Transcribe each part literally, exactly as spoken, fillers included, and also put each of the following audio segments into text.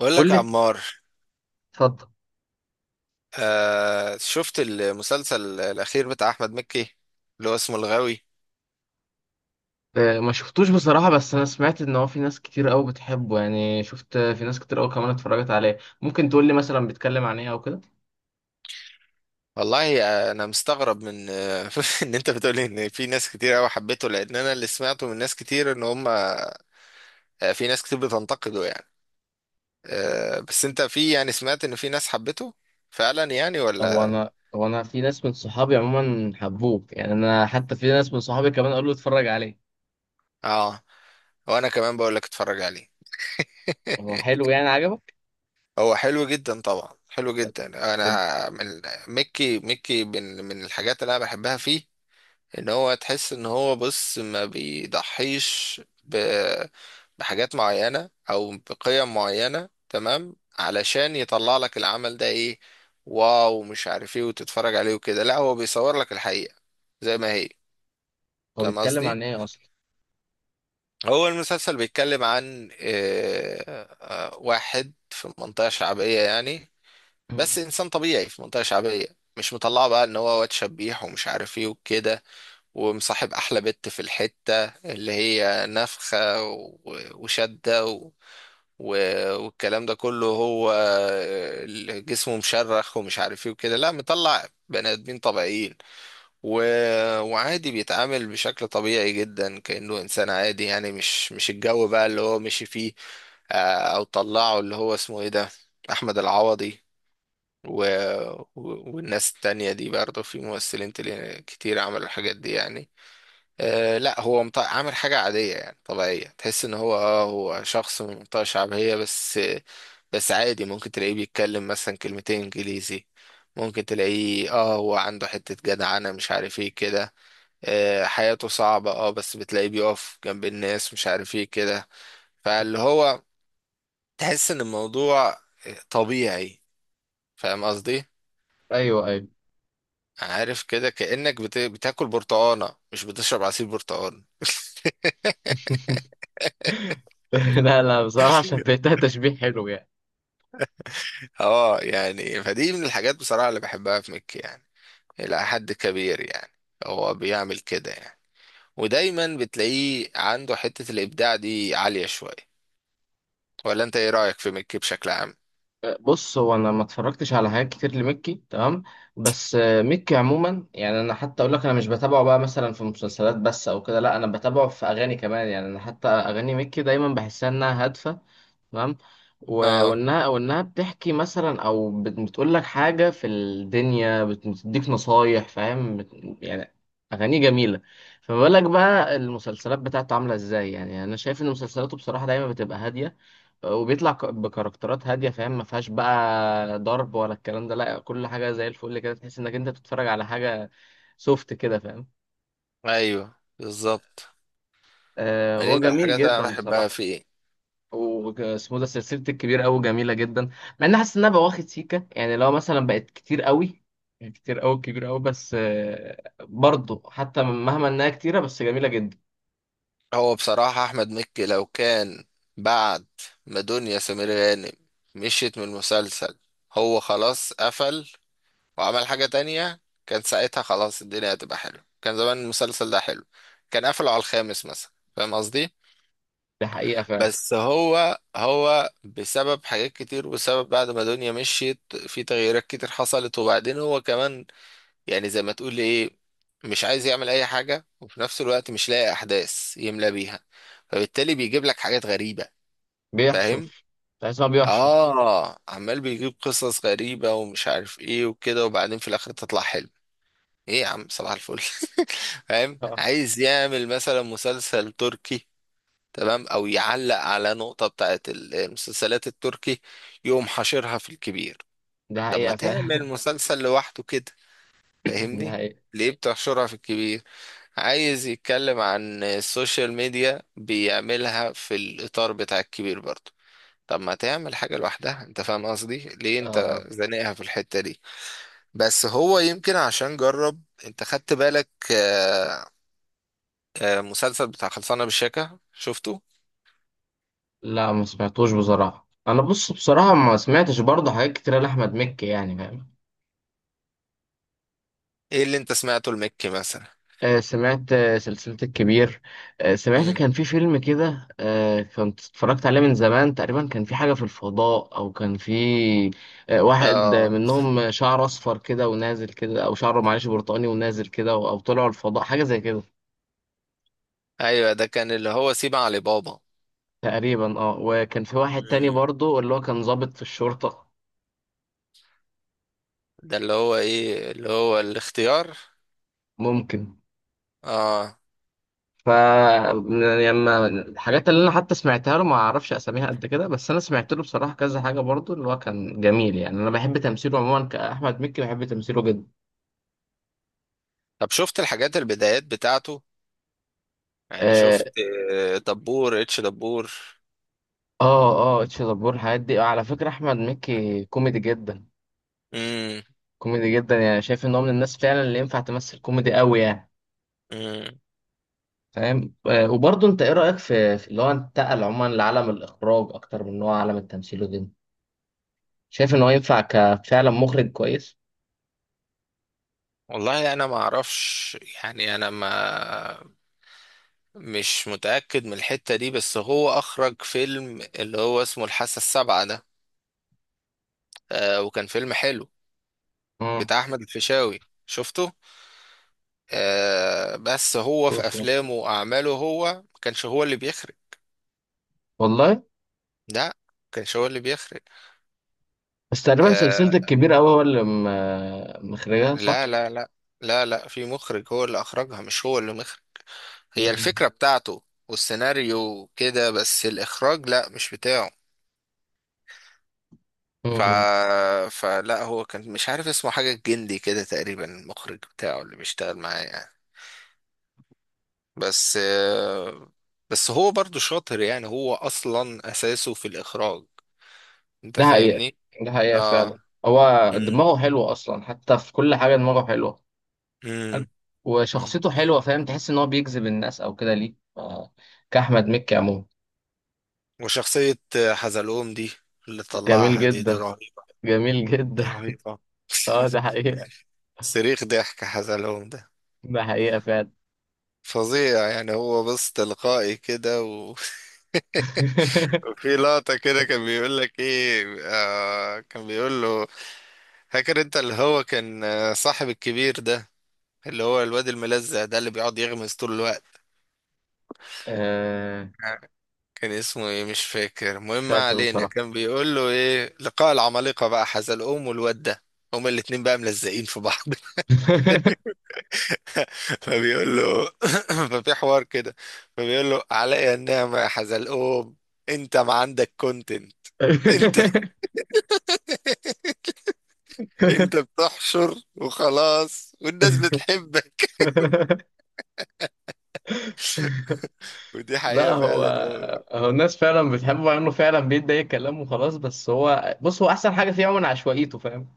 بقول بقول لك يا لك، عمار. اتفضل. آه، شفت المسلسل الأخير بتاع أحمد مكي، اللي هو اسمه الغاوي. آه، ما شفتوش بصراحة، بس أنا سمعت إن هو في ناس كتير قوي بتحبه. يعني شفت في ناس كتير قوي كمان اتفرجت عليه. ممكن تقول لي مثلا بيتكلم عن إيه أو كده؟ والله، آه، أنا مستغرب من آه، إن أنت بتقولي إن في ناس كتير أوي حبيته، لأن أنا اللي سمعته من ناس كتير إن هم، آه، في ناس كتير بتنتقده يعني. آه بس أنت، في يعني، سمعت إن في ناس حبيته فعلا يعني، هو ولا؟ أنا هو أنا في ناس من صحابي عموما حبوه، يعني أنا حتى في ناس من صحابي كمان قالوا اتفرج عليه. آه وأنا كمان بقول لك، اتفرج عليه. هو حلو يعني؟ عجبك؟ هو حلو جدا طبعا، حلو طب جدا. ده بي- أنا من مكي مكي، من من الحاجات اللي أنا بحبها فيه، ان هو، تحس ان هو بص، ما بيضحيش ب... بحاجات معينة او بقيم معينة، تمام، علشان يطلع لك العمل ده ايه، واو، مش عارف ايه، وتتفرج عليه وكده. لا، هو بيصور لك الحقيقة زي ما هي. هو فاهم بيتكلم قصدي؟ عن إيه أصلا؟ هو المسلسل بيتكلم عن آه، آه، واحد في منطقة شعبية يعني، مم. بس انسان طبيعي في منطقة شعبية، مش مطلعه بقى ان هو واد شبيح ومش عارف ايه وكده، ومصاحب احلى بت في الحتة، اللي هي نفخة و- وشدة و... و- والكلام ده كله، هو ال- جسمه مشرخ ومش عارف ايه وكده. لا، مطلع بني ادمين طبيعيين، و... وعادي، بيتعامل بشكل طبيعي جدا كأنه انسان عادي يعني، مش مش الجو بقى اللي هو مشي فيه. آه، او طلعه اللي هو اسمه ايه ده، احمد العوضي، و... و- والناس التانية دي برضه، في ممثلين تل- كتير عملوا الحاجات دي يعني. آه لا، هو مط... عامل حاجة عادية يعني، طبيعية، تحس ان هو اه هو شخص من منطقة شعبية بس. بس عادي، ممكن تلاقيه بيتكلم مثلا كلمتين انجليزي، ممكن تلاقيه اه هو عنده حتة جدع، انا مش عارف ايه كده. آه حياته صعبة، اه بس بتلاقيه بيقف جنب الناس، مش عارف ايه كده. فاللي هو، تحس ان الموضوع آه، طبيعي. فاهم قصدي؟ أيوه أيوه. عارف كده، كأنك بت... بتاكل برتقانة، مش بتشرب عصير برتقال. لا لا، بصراحة عشان بيتها تشبيه حلو يعني. اه يعني، فدي من الحاجات بصراحة اللي بحبها في مكي يعني، إلى حد كبير يعني، هو بيعمل كده يعني. ودايما بتلاقيه عنده حتة الإبداع دي عالية شوية. ولا أنت، إيه رأيك في مكي بشكل عام؟ بص، هو انا ما اتفرجتش على حاجات كتير لمكي، تمام، بس آه، مكي عموما، يعني انا حتى اقول لك انا مش بتابعه بقى مثلا في مسلسلات بس او كده، لا انا بتابعه في اغاني كمان. يعني انا حتى اغاني مكي دايما بحسها انها هادفه، تمام، و- اه، وانها وانها بتحكي مثلا او بت- بتقول لك حاجه في الدنيا، بت- بتديك نصايح، فاهم؟ بت- يعني اغاني جميله. فما بالك بقى المسلسلات بتاعته عامله ازاي؟ يعني انا شايف ان مسلسلاته بصراحه دايما بتبقى هاديه، وبيطلع ك- بكاركترات هاديه، فاهم؟ ما فيهاش بقى ضرب ولا الكلام ده، لا كل حاجه زي الفل كده، تحس انك انت بتتفرج على حاجه سوفت كده، فاهم؟ أيوه، بالظبط. آه ما دي هو من جميل الحاجات اللي أنا جدا بحبها بصراحه. فيه. واسمه ده سلسله الكبير قوي جميله جدا، مع اني حاسس انها بواخد سيكه، يعني لو مثلا بقت كتير قوي، يعني كتير قوي كبير قوي، بس آه برضه حتى مهما انها كتيره بس جميله جدا. هو بصراحة أحمد مكي، لو كان بعد ما دنيا سمير غانم مشيت من المسلسل، هو خلاص قفل وعمل حاجة تانية، كان ساعتها خلاص الدنيا هتبقى حلوة، كان زمان المسلسل ده حلو. كان قفله على الخامس مثلا. فاهم قصدي؟ ده حقيقه فعلا. بس هو هو بسبب حاجات كتير، وبسبب بعد ما دنيا مشيت، في تغييرات كتير حصلت، وبعدين هو كمان، يعني زي ما تقول ايه، مش عايز يعمل اي حاجة، وفي نفس الوقت مش لاقي احداث يملى بيها، فبالتالي بيجيب لك حاجات غريبة. فاهم؟ بيحشر. تحس إن هو بيحشر. اه، عمال بيجيب قصص غريبة ومش عارف ايه وكده، وبعدين في الاخر تطلع حلو. ايه يا عم، صباح الفل! فاهم، اه عايز يعمل مثلا مسلسل تركي، تمام، او يعلق على نقطة بتاعت ال- المسلسلات التركي، يقوم حاشرها في الكبير. ده طب ما حقيقه تعمل فعلا. مسلسل لوحده كده. ده فاهمني؟ حقيقه. ليه بتحشرها في الكبير؟ عايز يتكلم عن السوشيال ميديا، بيعملها في الإطار بتاع الكبير برضه. طب ما تعمل حاجة لوحدها انت، فاهم قصدي؟ ليه اه انت اه. زانقها في الحتة دي؟ بس هو يمكن عشان جرب. انت خدت بالك، آه، آه، مسلسل بتاع خلصانة بالشيكة، شفته؟ لا ما سمعتوش بصراحة. أنا بص، بصراحة ما سمعتش برضه حاجات كتيرة لأحمد مكي يعني، فاهم؟ ايه اللي انت سمعته المكي مثلا؟ آه سمعت آه سلسلة الكبير. آه سمعت مم. كان في فيلم كده، آه كنت اتفرجت عليه من زمان تقريبا، كان في حاجة في الفضاء أو كان في آه واحد، آه، اه، منهم شعره أصفر كده ونازل كده، أو شعره معلش برتقاني ونازل كده، أو أو طلعوا الفضاء حاجة زي كده. ايوه، ده كان اللي هو سيب علي بابا. تقريبا اه. وكان في واحد تاني مم. برضه اللي هو كان ضابط في الشرطة. ده اللي هو ايه، اللي هو الاختيار. ممكن. اه. ف، لما الحاجات اللي انا حتى سمعتها له ما اعرفش اساميها قد كده، بس انا سمعت له بصراحه كذا حاجه برضو اللي هو كان جميل. يعني انا بحب تمثيله عموما كاحمد مكي، بحب تمثيله جدا. طب شفت الحاجات، البدايات بتاعته؟ يعني اه شفت آه، دبور، اتش دبور. اه. آه، اتش دبور، الحاجات دي. آه، على فكره احمد مكي كوميدي جدا، مم. كوميدي جدا. يعني شايف ان هو من الناس فعلا اللي ينفع تمثل كوميدي قوي يعني، مم. فاهم؟ آه وبرضو انت ايه رايك في في اللي هو انتقل عموما لعالم الاخراج اكتر من ان هو عالم التمثيل وكده؟ شايف ان هو ينفع كفعلا مخرج كويس؟ والله انا ما اعرفش. يعني انا ما مش متأكد من الحتة دي. بس هو اخرج فيلم اللي هو اسمه الحاسة السابعة ده، آه وكان فيلم حلو، امم. بتاع احمد الفيشاوي، شفته؟ آه بس هو في افلامه واعماله، هو ما كانش هو اللي بيخرج. والله. لا، ما كانش هو اللي بيخرج. بس تقريبا آه، سلسلة الكبير أوي هو اللي م- مخرجها، صح؟ لا لا لا، لا لا، في مخرج هو اللي اخرجها، مش هو اللي مخرج. هي مم. الفكرة بتاعته والسيناريو كده، بس الاخراج لا، مش بتاعه. ف... مم. فلا هو كان، مش عارف اسمه، حاجة الجندي كده تقريبا، المخرج بتاعه اللي بيشتغل معاه يعني. بس آه، بس هو برضو شاطر يعني، هو اصلا اساسه في الاخراج. انت ده حقيقة. فاهمني؟ ده حقيقة فعلا. اه. هو مم. دماغه حلوة أصلا، حتى في كل حاجة دماغه حلوة. مم. حلو. مم. وشخصيته حلوة، فاهم؟ تحس إن هو بيجذب الناس أو كده ليه، ف- كأحمد مكي عموما. وشخصية حزلقوم دي، اللي جميل طلعها، دي دي جدا، رهيبة. جميل دي جدا. رهيبة. اه ده حقيقة. صريخ ضحك حزلقوم ده ده حقيقة فعلا. فظيع يعني، هو بص، تلقائي كده و... وفي لقطة كده كان بيقول لك ايه، آه كان بيقول له، فاكر انت اللي هو كان، آه، صاحب الكبير ده، اللي هو الواد الملزق ده اللي بيقعد يغمز طول الوقت، آه، كان اسمه ايه، مش فاكر، مش المهم ما فاكر علينا. بصراحة. كان بيقول له ايه، لقاء العمالقة بقى، حزلقوم والواد ده، هما الاتنين بقى ملزقين في بعض. فبيقول له، ففي حوار كده، فبيقول له، علي النعمة يا حزلقوم، انت ما عندك كونتنت، انت انت بتحشر وخلاص، والناس بتحبك. ودي لا حقيقة هو، فعلا، هو. هو الناس فعلا بتحبه مع انه فعلا بيدي اي كلام وخلاص، بس هو بص، هو احسن حاجه فيه عموما عشوائيته، فاهم؟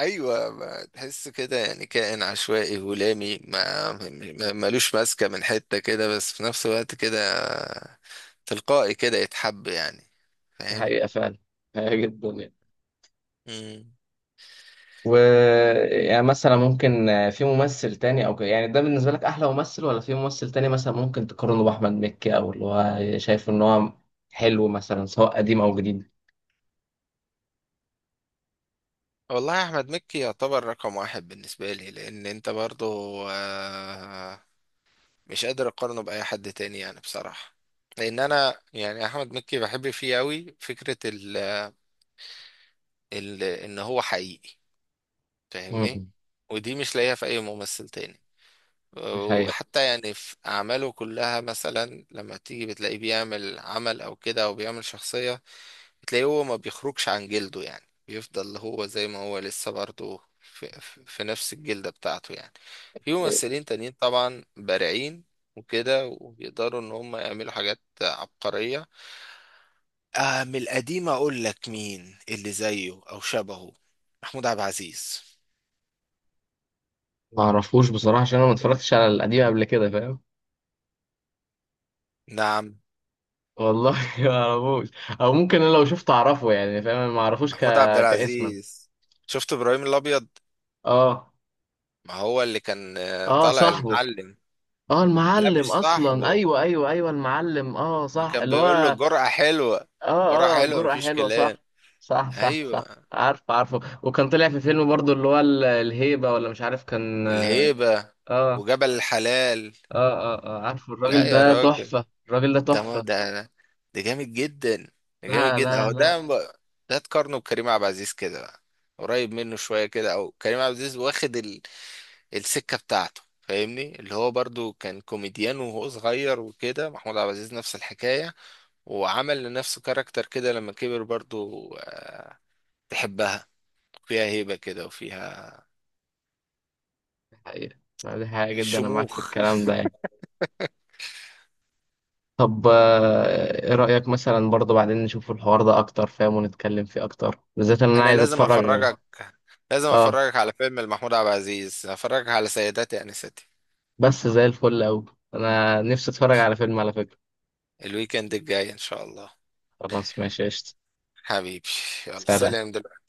ايوه، ما تحس كده يعني، كائن عشوائي هلامي، ما ما- ملوش ماسكة من حتة كده، بس في نفس الوقت كده تلقائي كده يتحب يعني. دي فاهم؟ حقيقه فعلا، حقيقة جدا يعني. مم. و، يعني مثلا ممكن في ممثل تاني او كده، يعني ده بالنسبه لك احلى ممثل، ولا في ممثل تاني مثلا ممكن تقارنه باحمد مكي، او اللي هو شايف ان هو حلو مثلا، سواء قديم او جديد؟ والله يا احمد، مكي يعتبر رقم واحد بالنسبه لي، لان انت برضو آه، مش قادر اقارنه باي حد تاني يعني بصراحه. لان انا يعني احمد مكي بحب فيه قوي فكره ال ال ان هو حقيقي. فاهمني؟ امم. ودي مش لاقيها في اي ممثل تاني. دي حقيقه. وحتى يعني في اعماله كلها، مثلا لما تيجي بتلاقيه بيعمل عمل او كده، او بيعمل شخصيه، تلاقيه هو ما بيخرجش عن جلده يعني، بيفضل هو زي ما هو لسه برضه في, في في نفس الجلدة بتاعته يعني. في ممثلين تانيين طبعا بارعين وكده، وبيقدروا ان هم يعملوا حاجات عبقرية. آه من القديم اقول لك مين اللي زيه او شبهه؟ محمود عبد العزيز. ما اعرفوش بصراحه عشان انا ما اتفرجتش على القديم قبل كده، فاهم؟ نعم. والله. ما اعرفوش. او ممكن انا لو شفته اعرفه يعني، فاهم؟ أنا ما اعرفوش ك... محمود عبد كاسما. العزيز. شفت ابراهيم الابيض؟ اه ما هو اللي كان آه، اه، طالع صاحبه. المعلم. اه لا، المعلم مش اصلا، صاحبه. ايوه ايوه ايوه المعلم، اه ما صح كان اللي بيقول له هو. جرأة حلوة. جرأة اه اه حلوة، جرأة مفيش حلوة، كلام. صح صح صح. صح. ايوه. عارف، عارفه، وكان طلع في فيلم برضو اللي هو ال- الهيبة، ولا مش عارف، كان اه. الهيبة اه وجبل الحلال. اه, آه عارفه، لا الراجل يا ده راجل، تحفة، الراجل ده ده ما تحفة. ده، ده جامد جدا. ده جامد لا جدا لا اهو لا. ده. ده تقارنه بكريم عبد العزيز كده بقى، قريب منه شوية كده، او كريم عبد العزيز واخد ال... السكة بتاعته. فاهمني، اللي هو برضو كان كوميديان وهو صغير وكده، محمود عبد العزيز نفس الحكاية. وعمل لنفسه كاركتر كده لما كبر برضو، آه، تحبها، فيها هيبة كده وفيها دي حقيقة، لا، دي حقيقة جدا، انا معاك في شموخ. الكلام ده. طب آه، ايه رأيك مثلا برضه بعدين نشوف الحوار ده اكتر، فاهم؟ ونتكلم فيه اكتر، بالذات ان انا انا عايز لازم اتفرج. افرجك، لازم اه. افرجك على فيلم لمحمود عبد العزيز، افرجك على سيداتي انستي. بس زي الفل اوي، انا نفسي اتفرج على فيلم على فكرة. الويكند الجاي ان شاء الله. خلاص ماشي قشطة. حبيبي، يلا سلام. سلام دلوقتي.